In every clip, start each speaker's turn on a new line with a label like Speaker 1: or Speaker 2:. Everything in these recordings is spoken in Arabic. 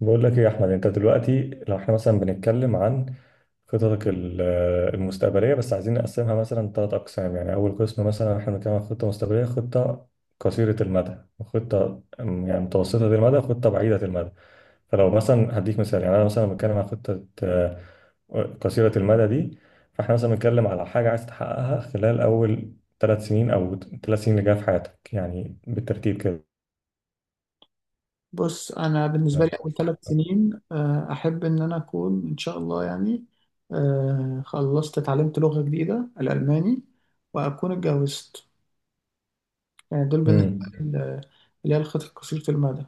Speaker 1: بقول لك ايه يا احمد. انت دلوقتي لو احنا مثلا بنتكلم عن خططك المستقبليه، بس عايزين نقسمها مثلا ثلاث اقسام. يعني اول قسم مثلا احنا بنتكلم عن خطه مستقبليه، خطه قصيره المدى، وخطه يعني متوسطه المدى، وخطه بعيده المدى. فلو مثلا هديك مثال، يعني انا مثلا بتكلم عن خطه قصيره المدى دي. فاحنا مثلا بنتكلم على حاجه عايز تحققها خلال اول ثلاث سنين، او ثلاث سنين اللي جايه في حياتك، يعني بالترتيب كده.
Speaker 2: بص انا بالنسبه لي اول ثلاث سنين احب ان انا اكون ان شاء الله يعني خلصت اتعلمت لغه جديده الالماني واكون اتجوزت. يعني دول بالنسبه
Speaker 1: امم.
Speaker 2: لي اللي هي الخطط قصيره المدى.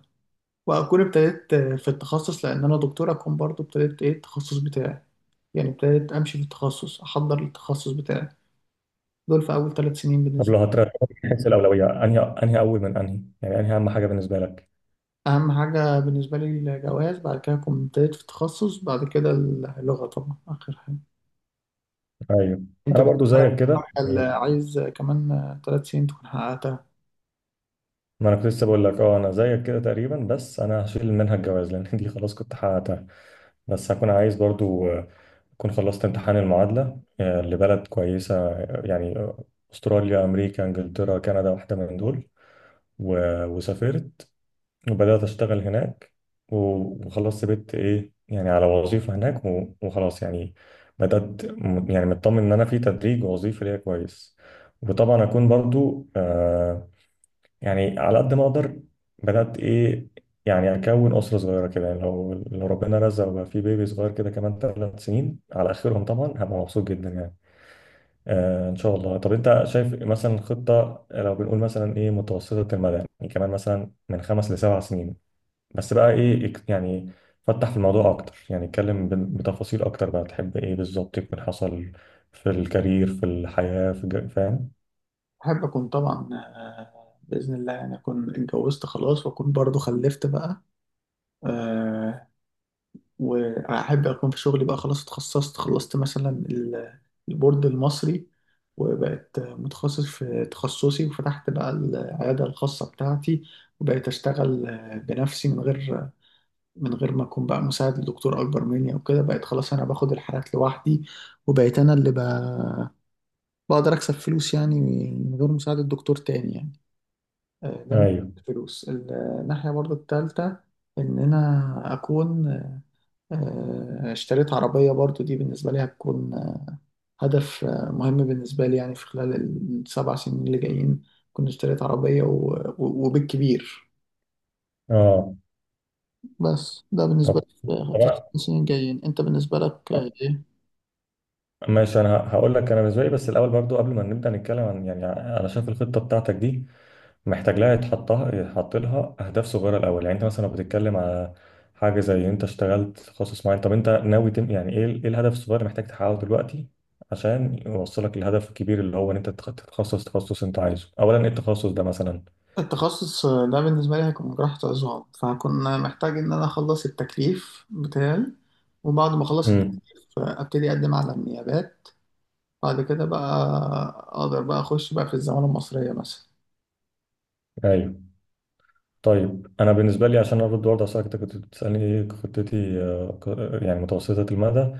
Speaker 2: واكون ابتديت في التخصص لان انا دكتور، اكون برضو ابتديت ايه التخصص بتاعي، يعني ابتديت امشي في التخصص، احضر للتخصص بتاعي. دول في اول ثلاث سنين
Speaker 1: طب
Speaker 2: بالنسبه
Speaker 1: لو هترتب من حيث الأولوية، أنهي أول؟ من يعني أنهي أهم حاجة بالنسبة لك؟
Speaker 2: لي. اهم حاجه بالنسبه لي الجواز، بعد كده اكون ابتديت في التخصص، بعد كده اللغه طبعا اخر حاجه.
Speaker 1: أيوه.
Speaker 2: انت
Speaker 1: أنا برضو
Speaker 2: بتحرق
Speaker 1: زيك كده
Speaker 2: حاجة اللي
Speaker 1: يعني.
Speaker 2: عايز كمان ثلاث سنين تكون حققتها.
Speaker 1: ما أنا كنت لسه بقول لك أنا زيك كده تقريبا، بس أنا هشيل منها الجواز لأن دي خلاص كنت حققتها. بس هكون عايز برضو أكون خلصت امتحان المعادلة لبلد كويسة، أستراليا، أمريكا، إنجلترا، كندا، واحدة من دول. و- وسافرت وبدأت أشتغل هناك، و- وخلاص سبت إيه يعني على وظيفة هناك، و- وخلاص يعني بدأت يعني مطمن إن أنا في تدريج ووظيفة ليا كويس. وطبعا أكون برضو يعني على قد ما أقدر بدأت إيه يعني أكون أسرة صغيرة كده. يعني لو ربنا رزق وبقى في بيبي صغير كده كمان ثلاث سنين على آخرهم، طبعا هبقى مبسوط جدا يعني. إن شاء الله. طب أنت شايف مثلا خطة، لو بنقول مثلا إيه، متوسطة المدى، يعني كمان مثلا من خمس لسبع سنين، بس بقى ايه، يعني فتح في الموضوع اكتر، يعني اتكلم ب- بتفاصيل اكتر، بقى تحب ايه بالظبط يكون حصل في الكارير، في الحياة، في فاهم؟
Speaker 2: احب اكون طبعا، باذن الله يعني اكون اتجوزت خلاص، واكون برضو خلفت بقى. آه، واحب اكون في شغلي بقى خلاص، اتخصصت، خلصت مثلا البورد المصري، وبقت متخصص في تخصصي، وفتحت بقى العياده الخاصه بتاعتي، وبقيت اشتغل بنفسي، من غير ما اكون بقى مساعد لدكتور اكبر مني او كده. بقيت خلاص انا باخد الحالات لوحدي، وبقيت انا اللي بقى بقدر أكسب فلوس يعني من غير مساعدة دكتور تاني يعني. ده من
Speaker 1: ايوه.
Speaker 2: الفلوس، الناحية برضو التالتة إن أنا أكون اشتريت عربية. برضو دي بالنسبة لي هتكون هدف مهم بالنسبة لي، يعني في خلال السبع سنين اللي جايين كنت اشتريت عربية و- و- وبالكبير.
Speaker 1: اه.
Speaker 2: بس ده بالنسبة
Speaker 1: طب
Speaker 2: لي في
Speaker 1: طب
Speaker 2: السنين الجايين. أنت بالنسبة لك إيه؟
Speaker 1: ماشي. انا هقول لك انا بالنسبه لي، بس الاول برضو قبل ما نبدا نتكلم، عن يعني انا شايف الخطه بتاعتك دي محتاج لها يتحط لها اهداف صغيره الاول. يعني انت مثلا لو بتتكلم على حاجه زي انت اشتغلت في تخصص معين، طب انت ناوي يعني ايه الهدف الصغير اللي محتاج تحققه دلوقتي عشان يوصلك للهدف الكبير، اللي هو ان انت تتخصص تخصص انت عايزه. اولا ايه التخصص ده مثلا؟
Speaker 2: التخصص ده بالنسبة لي هيكون جراحة عظام، فهكون محتاج إن أنا أخلص التكليف بتاعي، وبعد ما أخلص التكليف
Speaker 1: امم.
Speaker 2: أبتدي أقدم على النيابات، بعد كده بقى أقدر بقى أخش بقى في الزمالة المصرية مثلا.
Speaker 1: ايوه. طيب انا بالنسبه لي عشان ارد برضه على سؤالك، انت كنت بتسالني ايه خطتي يعني متوسطه المدى.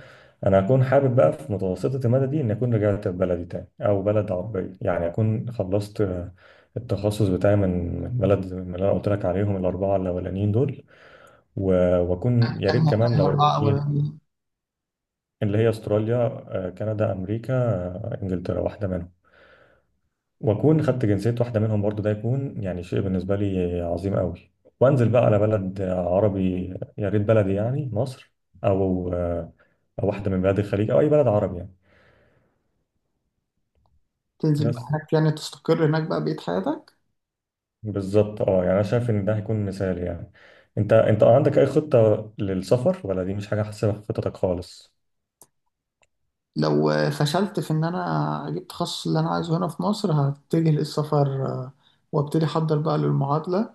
Speaker 1: انا هكون حابب بقى في متوسطه المدى دي ان اكون رجعت بلدي تاني، او بلد عربيه، يعني اكون خلصت التخصص بتاعي من بلد من اللي انا قلت لك عليهم، الاربعه الاولانيين دول. و- واكون يا ريت
Speaker 2: أنهي
Speaker 1: كمان
Speaker 2: أنهي أربعة
Speaker 1: لو ايه،
Speaker 2: أولانيين؟
Speaker 1: اللي هي استراليا، كندا، امريكا، انجلترا، واحده منهم. واكون خدت جنسيه واحده منهم برضو، ده يكون يعني شيء بالنسبه لي عظيم قوي. وانزل بقى على بلد عربي، يا ريت بلدي يعني مصر، او او واحده من بلاد الخليج، او اي بلد عربي يعني.
Speaker 2: تنزل بقى
Speaker 1: بس
Speaker 2: هناك يعني، تستقر هناك بقى بقية حياتك.
Speaker 1: بالظبط، يعني انا شايف ان ده هيكون مثال يعني. انت عندك اي خطه للسفر، ولا دي مش حاجه حاسبها في خطتك خالص؟
Speaker 2: لو فشلت في إن أنا أجيب التخصص اللي أنا عايزه هنا في مصر هتجه للسفر، وأبتدي أحضر بقى للمعادلة،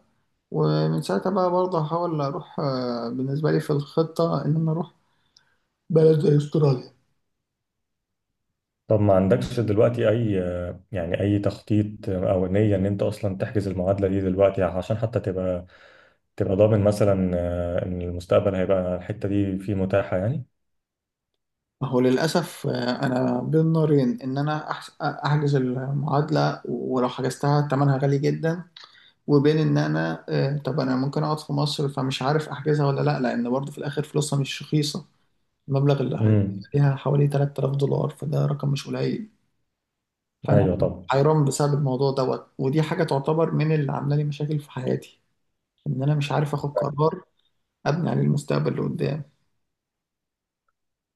Speaker 2: ومن ساعتها بقى برضه هحاول أروح، بالنسبة لي في الخطة إن أنا أروح بلد زي استراليا.
Speaker 1: طب ما عندكش دلوقتي اي يعني اي تخطيط او نيه ان انت اصلا تحجز المعادله دي دلوقتي، عشان حتى تبقى ضامن مثلا ان المستقبل هيبقى الحته دي فيه متاحه يعني؟
Speaker 2: ما هو للأسف أنا بين نارين: إن أنا أحجز المعادلة ولو حجزتها تمنها غالي جدا، وبين إن أنا طب أنا ممكن أقعد في مصر، فمش عارف أحجزها ولا لأ، لأن برضه في الآخر فلوسها مش رخيصة. المبلغ
Speaker 1: امم.
Speaker 2: عليها حوالي 3000 دولار، فده رقم مش قليل. فأنا
Speaker 1: ايوه طبعا.
Speaker 2: حيران بسبب الموضوع دوت، ودي حاجة تعتبر من اللي عاملة لي مشاكل في حياتي، إن أنا مش عارف آخد قرار أبني عليه المستقبل اللي قدام.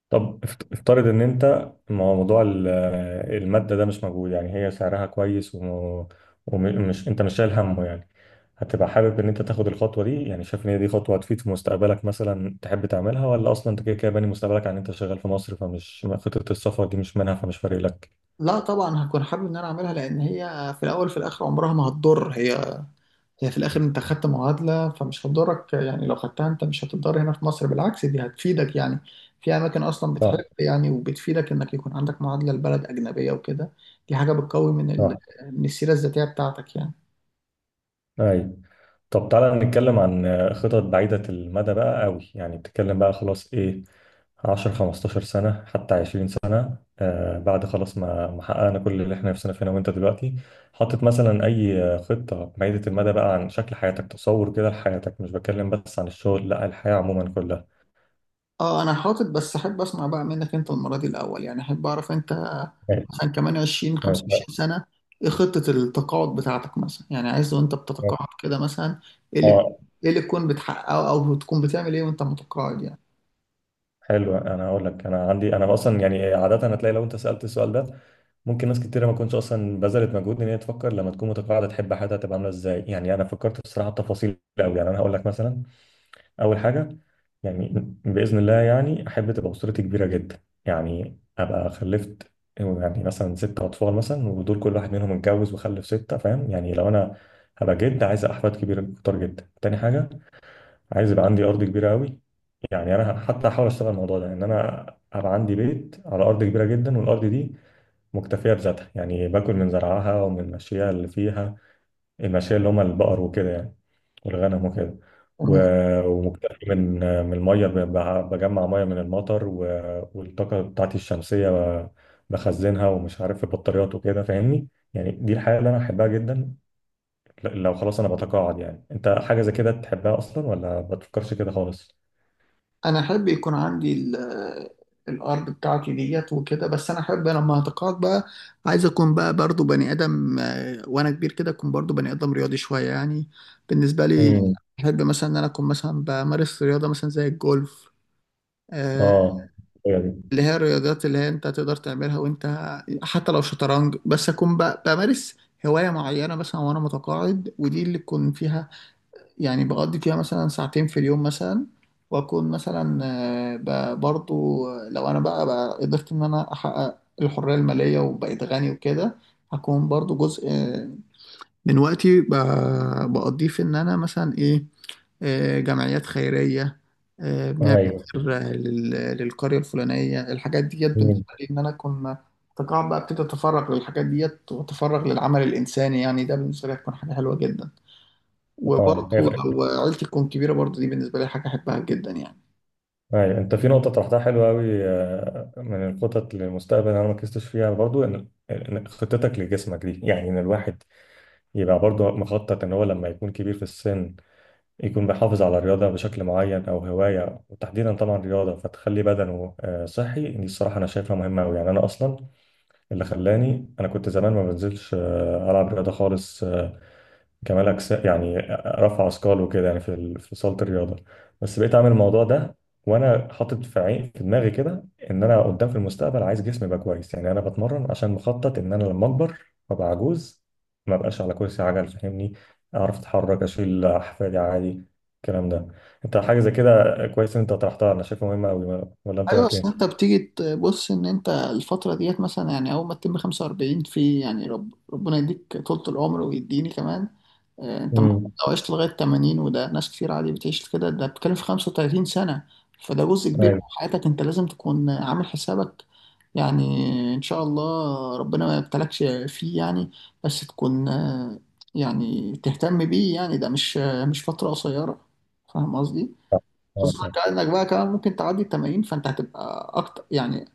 Speaker 1: طب افترض ان انت، ما هو موضوع الماده ده مش موجود، يعني هي سعرها كويس وم- ومش انت مش شايل همه يعني، هتبقى حابب ان انت تاخد الخطوه دي؟ يعني شايف ان هي دي خطوه هتفيد في مستقبلك مثلا تحب تعملها، ولا اصلا انت كده كده باني مستقبلك عن انت شغال في مصر، فمش خطه السفر دي مش منها، فمش فارق لك؟
Speaker 2: لا طبعا هكون حابب ان انا اعملها، لان هي في الاول في الاخر عمرها ما هتضر. هي هي في الاخر انت خدت معادله فمش هتضرك يعني، لو خدتها انت مش هتضر هنا في مصر، بالعكس دي هتفيدك يعني. في اماكن اصلا
Speaker 1: صح.
Speaker 2: بتحب يعني وبتفيدك انك يكون عندك معادله لبلد اجنبيه وكده. دي حاجه بتقوي من
Speaker 1: صح.
Speaker 2: من السيره الذاتيه بتاعتك يعني.
Speaker 1: ايوه. طب تعالى نتكلم عن خطط بعيدة المدى بقى قوي، يعني بتتكلم بقى خلاص ايه، 10 15 سنة، حتى 20 سنة، بعد خلاص ما حققنا كل اللي احنا نفسنا فينا. وانت دلوقتي حاطط مثلا اي خطة بعيدة المدى بقى عن شكل حياتك، تصور كده لحياتك؟ مش بتكلم بس عن الشغل، لا الحياة عموما كلها.
Speaker 2: اه انا حاطط، بس احب اسمع بقى منك انت المره دي الاول. يعني احب اعرف انت
Speaker 1: ماشي.
Speaker 2: مثلا كمان 20
Speaker 1: ماشي.
Speaker 2: 25 سنه ايه خطه التقاعد بتاعتك مثلا، يعني عايز وانت
Speaker 1: ماشي.
Speaker 2: بتتقاعد كده مثلا ايه اللي
Speaker 1: اه.
Speaker 2: ايه اللي تكون بتحققه، او تكون بتعمل ايه وانت متقاعد
Speaker 1: حلو. انا هقول لك، انا عندي انا اصلا يعني عادة هتلاقي لو انت سألت السؤال ده، ممكن ناس كتيرة ما تكونش اصلا بذلت مجهود ان هي تفكر لما تكون متقاعده تحب حياتها تبقى عامله ازاي. يعني انا فكرت الصراحه بتفاصيل قوي، يعني انا هقول لك مثلا. اول حاجه، يعني باذن الله يعني احب تبقى اسرتي كبيره جدا، يعني ابقى خلفت يعني مثلا ست اطفال مثلا، ودول كل واحد منهم اتجوز وخلف سته، فاهم يعني؟ لو انا هبقى جد عايز احفاد كبيره كتير جدا. تاني حاجه، عايز يبقى عندي ارض كبيره قوي، يعني انا حتى هحاول اشتغل الموضوع ده ان انا ابقى عندي بيت على ارض كبيره جدا، والارض دي مكتفية بذاتها، يعني باكل من زرعها ومن مشيها اللي فيها، المشية اللي هما البقر وكده يعني، والغنم وكده.
Speaker 2: يعني.
Speaker 1: و- ومكتفي من المية، ب- ب- بجمع مية من المطر، و- والطاقة بتاعتي الشمسية ب- بخزنها ومش عارف في بطاريات وكده، فاهمني؟ يعني دي الحياة اللي أنا أحبها جدا لو خلاص أنا بتقاعد. يعني أنت حاجة زي كده تحبها أصلا، ولا ما بتفكرش كده خالص؟
Speaker 2: انا احب يكون عندي الارض بتاعتي ديت وكده، بس انا احب لما هتقاعد بقى عايز اكون بقى برضو بني ادم، وانا كبير كده اكون برضو بني ادم رياضي شويه يعني. بالنسبه لي
Speaker 1: امم.
Speaker 2: احب مثلا ان انا اكون مثلا بمارس رياضه مثلا زي الجولف، آه،
Speaker 1: اه. هي دي.
Speaker 2: اللي هي الرياضات اللي هي انت تقدر تعملها وانت حتى لو شطرنج. بس اكون بقى بمارس هوايه معينه مثلا وانا متقاعد، ودي اللي تكون فيها يعني بقضي فيها مثلا ساعتين في اليوم مثلا. واكون مثلا برضو لو انا بقى قدرت ان انا احقق الحرية المالية وبقيت غني وكده، هكون برضو جزء من وقتي بقضيه في ان انا مثلا ايه جمعيات خيرية، بنعمل
Speaker 1: ايوه.
Speaker 2: خير للقرية الفلانية. الحاجات ديت
Speaker 1: مم.
Speaker 2: بالنسبة لي ان انا اكون تقاعد بقى ابتدي اتفرغ للحاجات ديت واتفرغ للعمل الانساني، يعني ده بالنسبة لي هتكون حاجة حلوة جدا. وبرضه
Speaker 1: اه. هي.
Speaker 2: لو عيلتي تكون كبيرة برضه دي بالنسبة لي حاجة أحبها جدا يعني.
Speaker 1: أيوة. انت في نقطة طرحتها حلوة أوي من الخطط للمستقبل أنا ما ركزتش فيها برضو، إن خطتك لجسمك دي، يعني إن الواحد يبقى برضو مخطط إن هو لما يكون كبير في السن يكون بيحافظ على رياضة بشكل معين، أو هواية، وتحديدا طبعا رياضة، فتخلي بدنه صحي. دي الصراحة أنا شايفها مهمة أوي، يعني أنا أصلا اللي خلاني، أنا كنت زمان ما بنزلش ألعب رياضة خالص، كمال اجسام يعني، رفع اثقال وكده يعني في صاله الرياضه، بس بقيت اعمل الموضوع ده، وانا حاطط في دماغي كده ان انا قدام في المستقبل عايز جسمي يبقى كويس. يعني انا بتمرن عشان مخطط ان انا لما اكبر وابقى عجوز، ما بقاش على كرسي عجل، فاهمني؟ اعرف اتحرك، اشيل احفادي عادي، الكلام ده. انت حاجه زي كده كويس ان انت طرحتها، انا شايفها مهمه قوي، ولا انت
Speaker 2: ايوه
Speaker 1: رايك
Speaker 2: بس
Speaker 1: ايه؟
Speaker 2: انت بتيجي تبص ان انت الفتره ديت مثلا، يعني اول ما تتم 45، في يعني ربنا يديك طولة العمر ويديني كمان، انت المفروض
Speaker 1: امم.
Speaker 2: لو عشت لغايه 80، وده ناس كتير عادي بتعيش كده، ده بتتكلم في 35 سنه، فده جزء كبير
Speaker 1: ايوه.
Speaker 2: من حياتك انت لازم تكون عامل حسابك يعني. ان شاء الله ربنا ما يبتلكش فيه يعني، بس تكون يعني تهتم بيه يعني، ده مش مش فتره قصيره. فاهم قصدي؟
Speaker 1: آه،
Speaker 2: خصوصا
Speaker 1: صح.
Speaker 2: كأنك بقى كمان ممكن تعدي ال 80، فانت هتبقى اكتر يعني.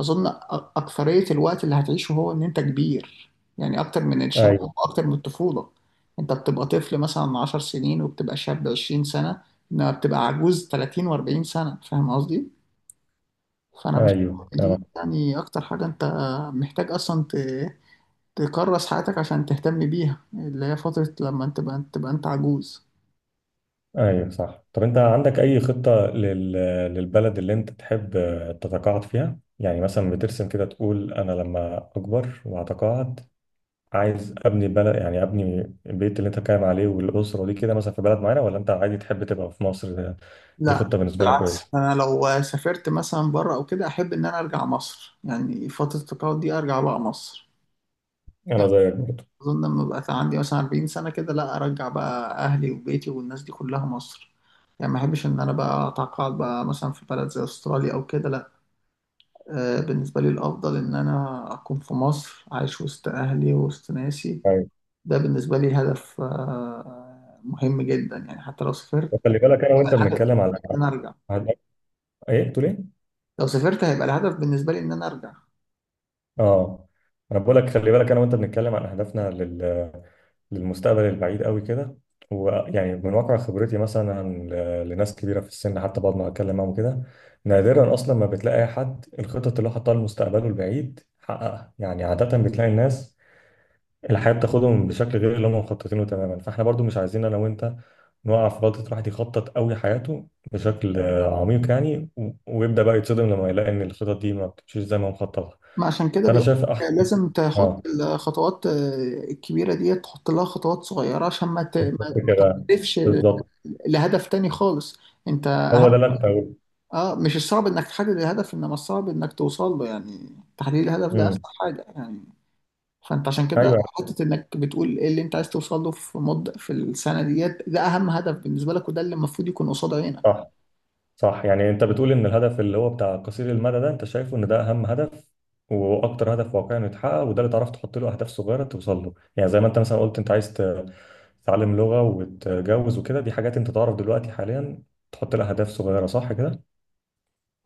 Speaker 2: اظن اكثرية الوقت اللي هتعيشه هو ان انت كبير، يعني اكتر من الشباب
Speaker 1: ايوه.
Speaker 2: واكتر من الطفولة. انت بتبقى طفل مثلا 10 سنين، وبتبقى شاب 20 سنة، انما بتبقى عجوز 30 و40 سنة. فاهم قصدي؟ فانا بشوف
Speaker 1: ايوه
Speaker 2: إن دي
Speaker 1: كلامك.
Speaker 2: يعني اكتر حاجة انت محتاج اصلا تكرس حياتك عشان تهتم بيها، اللي هي فترة لما انت تبقى انت عجوز.
Speaker 1: ايوه صح. طب انت عندك اي خطة للبلد اللي انت تحب تتقاعد فيها؟ يعني مثلا بترسم كده تقول انا لما اكبر واتقاعد، عايز ابني بلد يعني ابني البيت اللي انت بتتكلم عليه والاسرة دي كده مثلا في بلد معينة، ولا انت عادي تحب تبقى في مصر؟ دي
Speaker 2: لا
Speaker 1: خطة بالنسبة لك
Speaker 2: بالعكس،
Speaker 1: كويسة.
Speaker 2: انا لو سافرت مثلا بره او كده احب ان انا ارجع مصر، يعني فتره التقاعد دي ارجع بقى مصر
Speaker 1: انا
Speaker 2: يعني.
Speaker 1: زيك برضه.
Speaker 2: اظن لما بقى عندي مثلا 40 سنه كده، لا ارجع بقى اهلي وبيتي والناس دي كلها مصر يعني. ما احبش ان انا بقى اتقاعد بقى مثلا في بلد زي استراليا او كده، لا. بالنسبه لي الافضل ان انا اكون في مصر، عايش وسط اهلي وسط ناسي.
Speaker 1: ايوه.
Speaker 2: ده بالنسبه لي هدف مهم جدا يعني. حتى لو سافرت
Speaker 1: خلي بالك انا
Speaker 2: يبقى
Speaker 1: وانت
Speaker 2: الهدف
Speaker 1: بنتكلم على
Speaker 2: ان انا ارجع.
Speaker 1: على- ايه بتقول ايه؟
Speaker 2: لو سافرت هيبقى الهدف بالنسبه لي ان انا ارجع.
Speaker 1: اه. انا بقول لك، خلي بالك انا وانت بنتكلم عن اهدافنا للمستقبل البعيد قوي كده، ويعني من واقع خبرتي مثلا، لناس كبيره في السن، حتى بقعد ما اتكلم معاهم كده نادرا اصلا ما بتلاقي اي حد الخطط اللي هو حطها لمستقبله البعيد حققها. يعني عاده بتلاقي الناس الحياه بتاخدهم بشكل غير اللي هم مخططينه تماما. فاحنا برضو مش عايزين انا وانت نقع في غلطه الواحد يخطط قوي حياته بشكل عميق، يعني و- ويبدا بقى يتصدم لما يلاقي ان الخطط دي ما بتمشيش زي ما هو مخططها.
Speaker 2: ما عشان كده
Speaker 1: فانا
Speaker 2: بيقول
Speaker 1: شايف احسن.
Speaker 2: لازم تحط
Speaker 1: اه.
Speaker 2: الخطوات الكبيرة دي تحط لها خطوات صغيرة عشان ما ت- ما
Speaker 1: بالظبط
Speaker 2: ما
Speaker 1: كده.
Speaker 2: تهدفش
Speaker 1: بالظبط.
Speaker 2: لهدف تاني خالص. انت
Speaker 1: هو ده
Speaker 2: اهم.
Speaker 1: اللي انا كنت هقوله.
Speaker 2: اه مش الصعب انك تحدد الهدف، انما الصعب انك توصل له يعني. تحديد الهدف ده اسهل
Speaker 1: امم.
Speaker 2: حاجة يعني. فانت عشان كده
Speaker 1: ايوه.
Speaker 2: حتة انك بتقول ايه اللي انت عايز توصل له في السنة ديت، ده اهم هدف بالنسبة لك، وده اللي المفروض يكون قصاد عينك.
Speaker 1: صح. صح. يعني انت بتقول ان الهدف اللي هو بتاع قصير المدى ده انت شايفه ان ده اهم هدف، واكتر هدف واقعي انه يتحقق، وده اللي تعرف تحط له اهداف صغيره توصل له. يعني زي ما انت مثلا قلت انت عايز تتعلم لغه، وتتجوز وكده، دي حاجات انت تعرف دلوقتي حاليا تحط لها اهداف صغيره، صح كده؟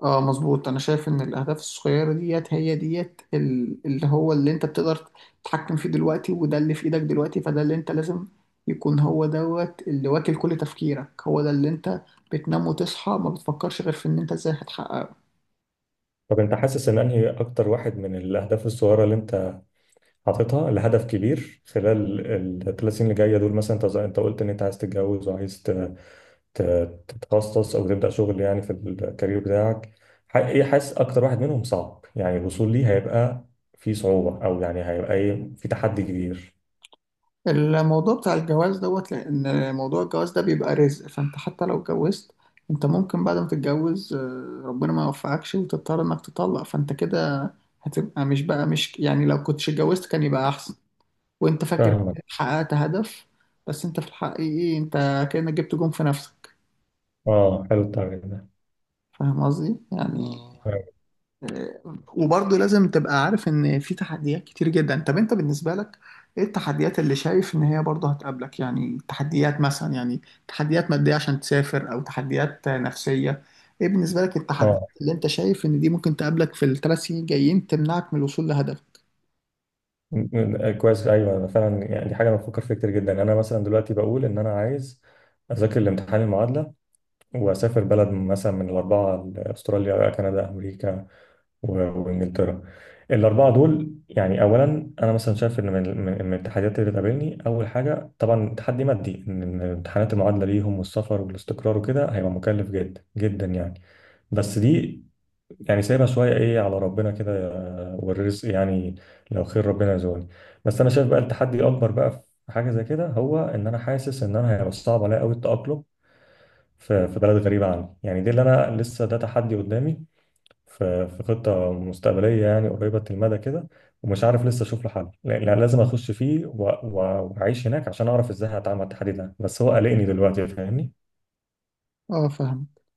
Speaker 2: اه مظبوط. انا شايف ان الاهداف الصغيره ديت هي ديت اللي هو اللي انت بتقدر تتحكم فيه دلوقتي، وده اللي في ايدك دلوقتي، فده اللي انت لازم يكون هو دوت اللي واكل كل تفكيرك، هو ده اللي انت بتنام وتصحى ما بتفكرش غير في ان انت ازاي هتحققه.
Speaker 1: طب انت حاسس ان انهي اكتر واحد من الاهداف الصغيره اللي انت حاططها لهدف كبير خلال الثلاث سنين اللي جايه دول مثلا، انت انت قلت ان انت عايز تتجوز، وعايز ت- تتخصص او تبدا شغل يعني في الكارير بتاعك، ايه حاسس اكتر واحد منهم صعب يعني الوصول ليه؟ هيبقى في صعوبه، او يعني هيبقى ايه في تحدي كبير؟
Speaker 2: الموضوع بتاع الجواز دوت، لان موضوع الجواز ده بيبقى رزق، فانت حتى لو اتجوزت، انت ممكن بعد ما تتجوز ربنا ما يوفقكش وتضطر انك تطلق، فانت كده هتبقى مش يعني لو كنتش اتجوزت كان يبقى احسن. وانت فاكر
Speaker 1: فاهمك.
Speaker 2: إنك حققت هدف، بس انت في الحقيقة انت كأنك جبت جون في نفسك.
Speaker 1: اه، حلو التعبير ده.
Speaker 2: فاهم قصدي يعني؟
Speaker 1: اه
Speaker 2: آه، وبرضه لازم تبقى عارف ان في تحديات كتير جدا. طب انت بالنسبة لك ايه التحديات اللي شايف ان هي برضه هتقابلك؟ يعني تحديات مثلا، يعني تحديات مادية عشان تسافر، او تحديات نفسية. ايه بالنسبة لك التحديات
Speaker 1: آه.
Speaker 2: اللي انت شايف ان دي ممكن تقابلك في الثلاث سنين الجايين تمنعك من الوصول لهدفك؟
Speaker 1: كويس، ايوه انا فعلا يعني دي حاجه انا بفكر فيها كتير جدا. انا مثلا دلوقتي بقول ان انا عايز اذاكر الامتحان المعادله واسافر بلد مثلا من الاربعه، استراليا، كندا، امريكا، و- وانجلترا، الاربعه دول. يعني اولا انا مثلا شايف ان من التحديات اللي بتقابلني، اول حاجه طبعا تحدي مادي، إن امتحانات المعادله ليهم والسفر والاستقرار وكده هيبقى مكلف جدا جدا يعني. بس دي يعني سايبها شويه ايه على ربنا كده، والرزق يعني لو خير ربنا يرزقني. بس انا شايف بقى التحدي الاكبر بقى في حاجه زي كده، هو ان انا حاسس ان انا هيبقى صعب عليا قوي التاقلم في في بلد غريبه عني. يعني دي اللي انا لسه ده تحدي قدامي في في خطة مستقبلية يعني قريبة المدى كده، ومش عارف لسه أشوف له حل. لا، لازم أخش فيه و- و- وأعيش هناك عشان أعرف إزاي هتعامل مع التحدي ده، بس هو قلقني دلوقتي فاهمني.
Speaker 2: اه فاهم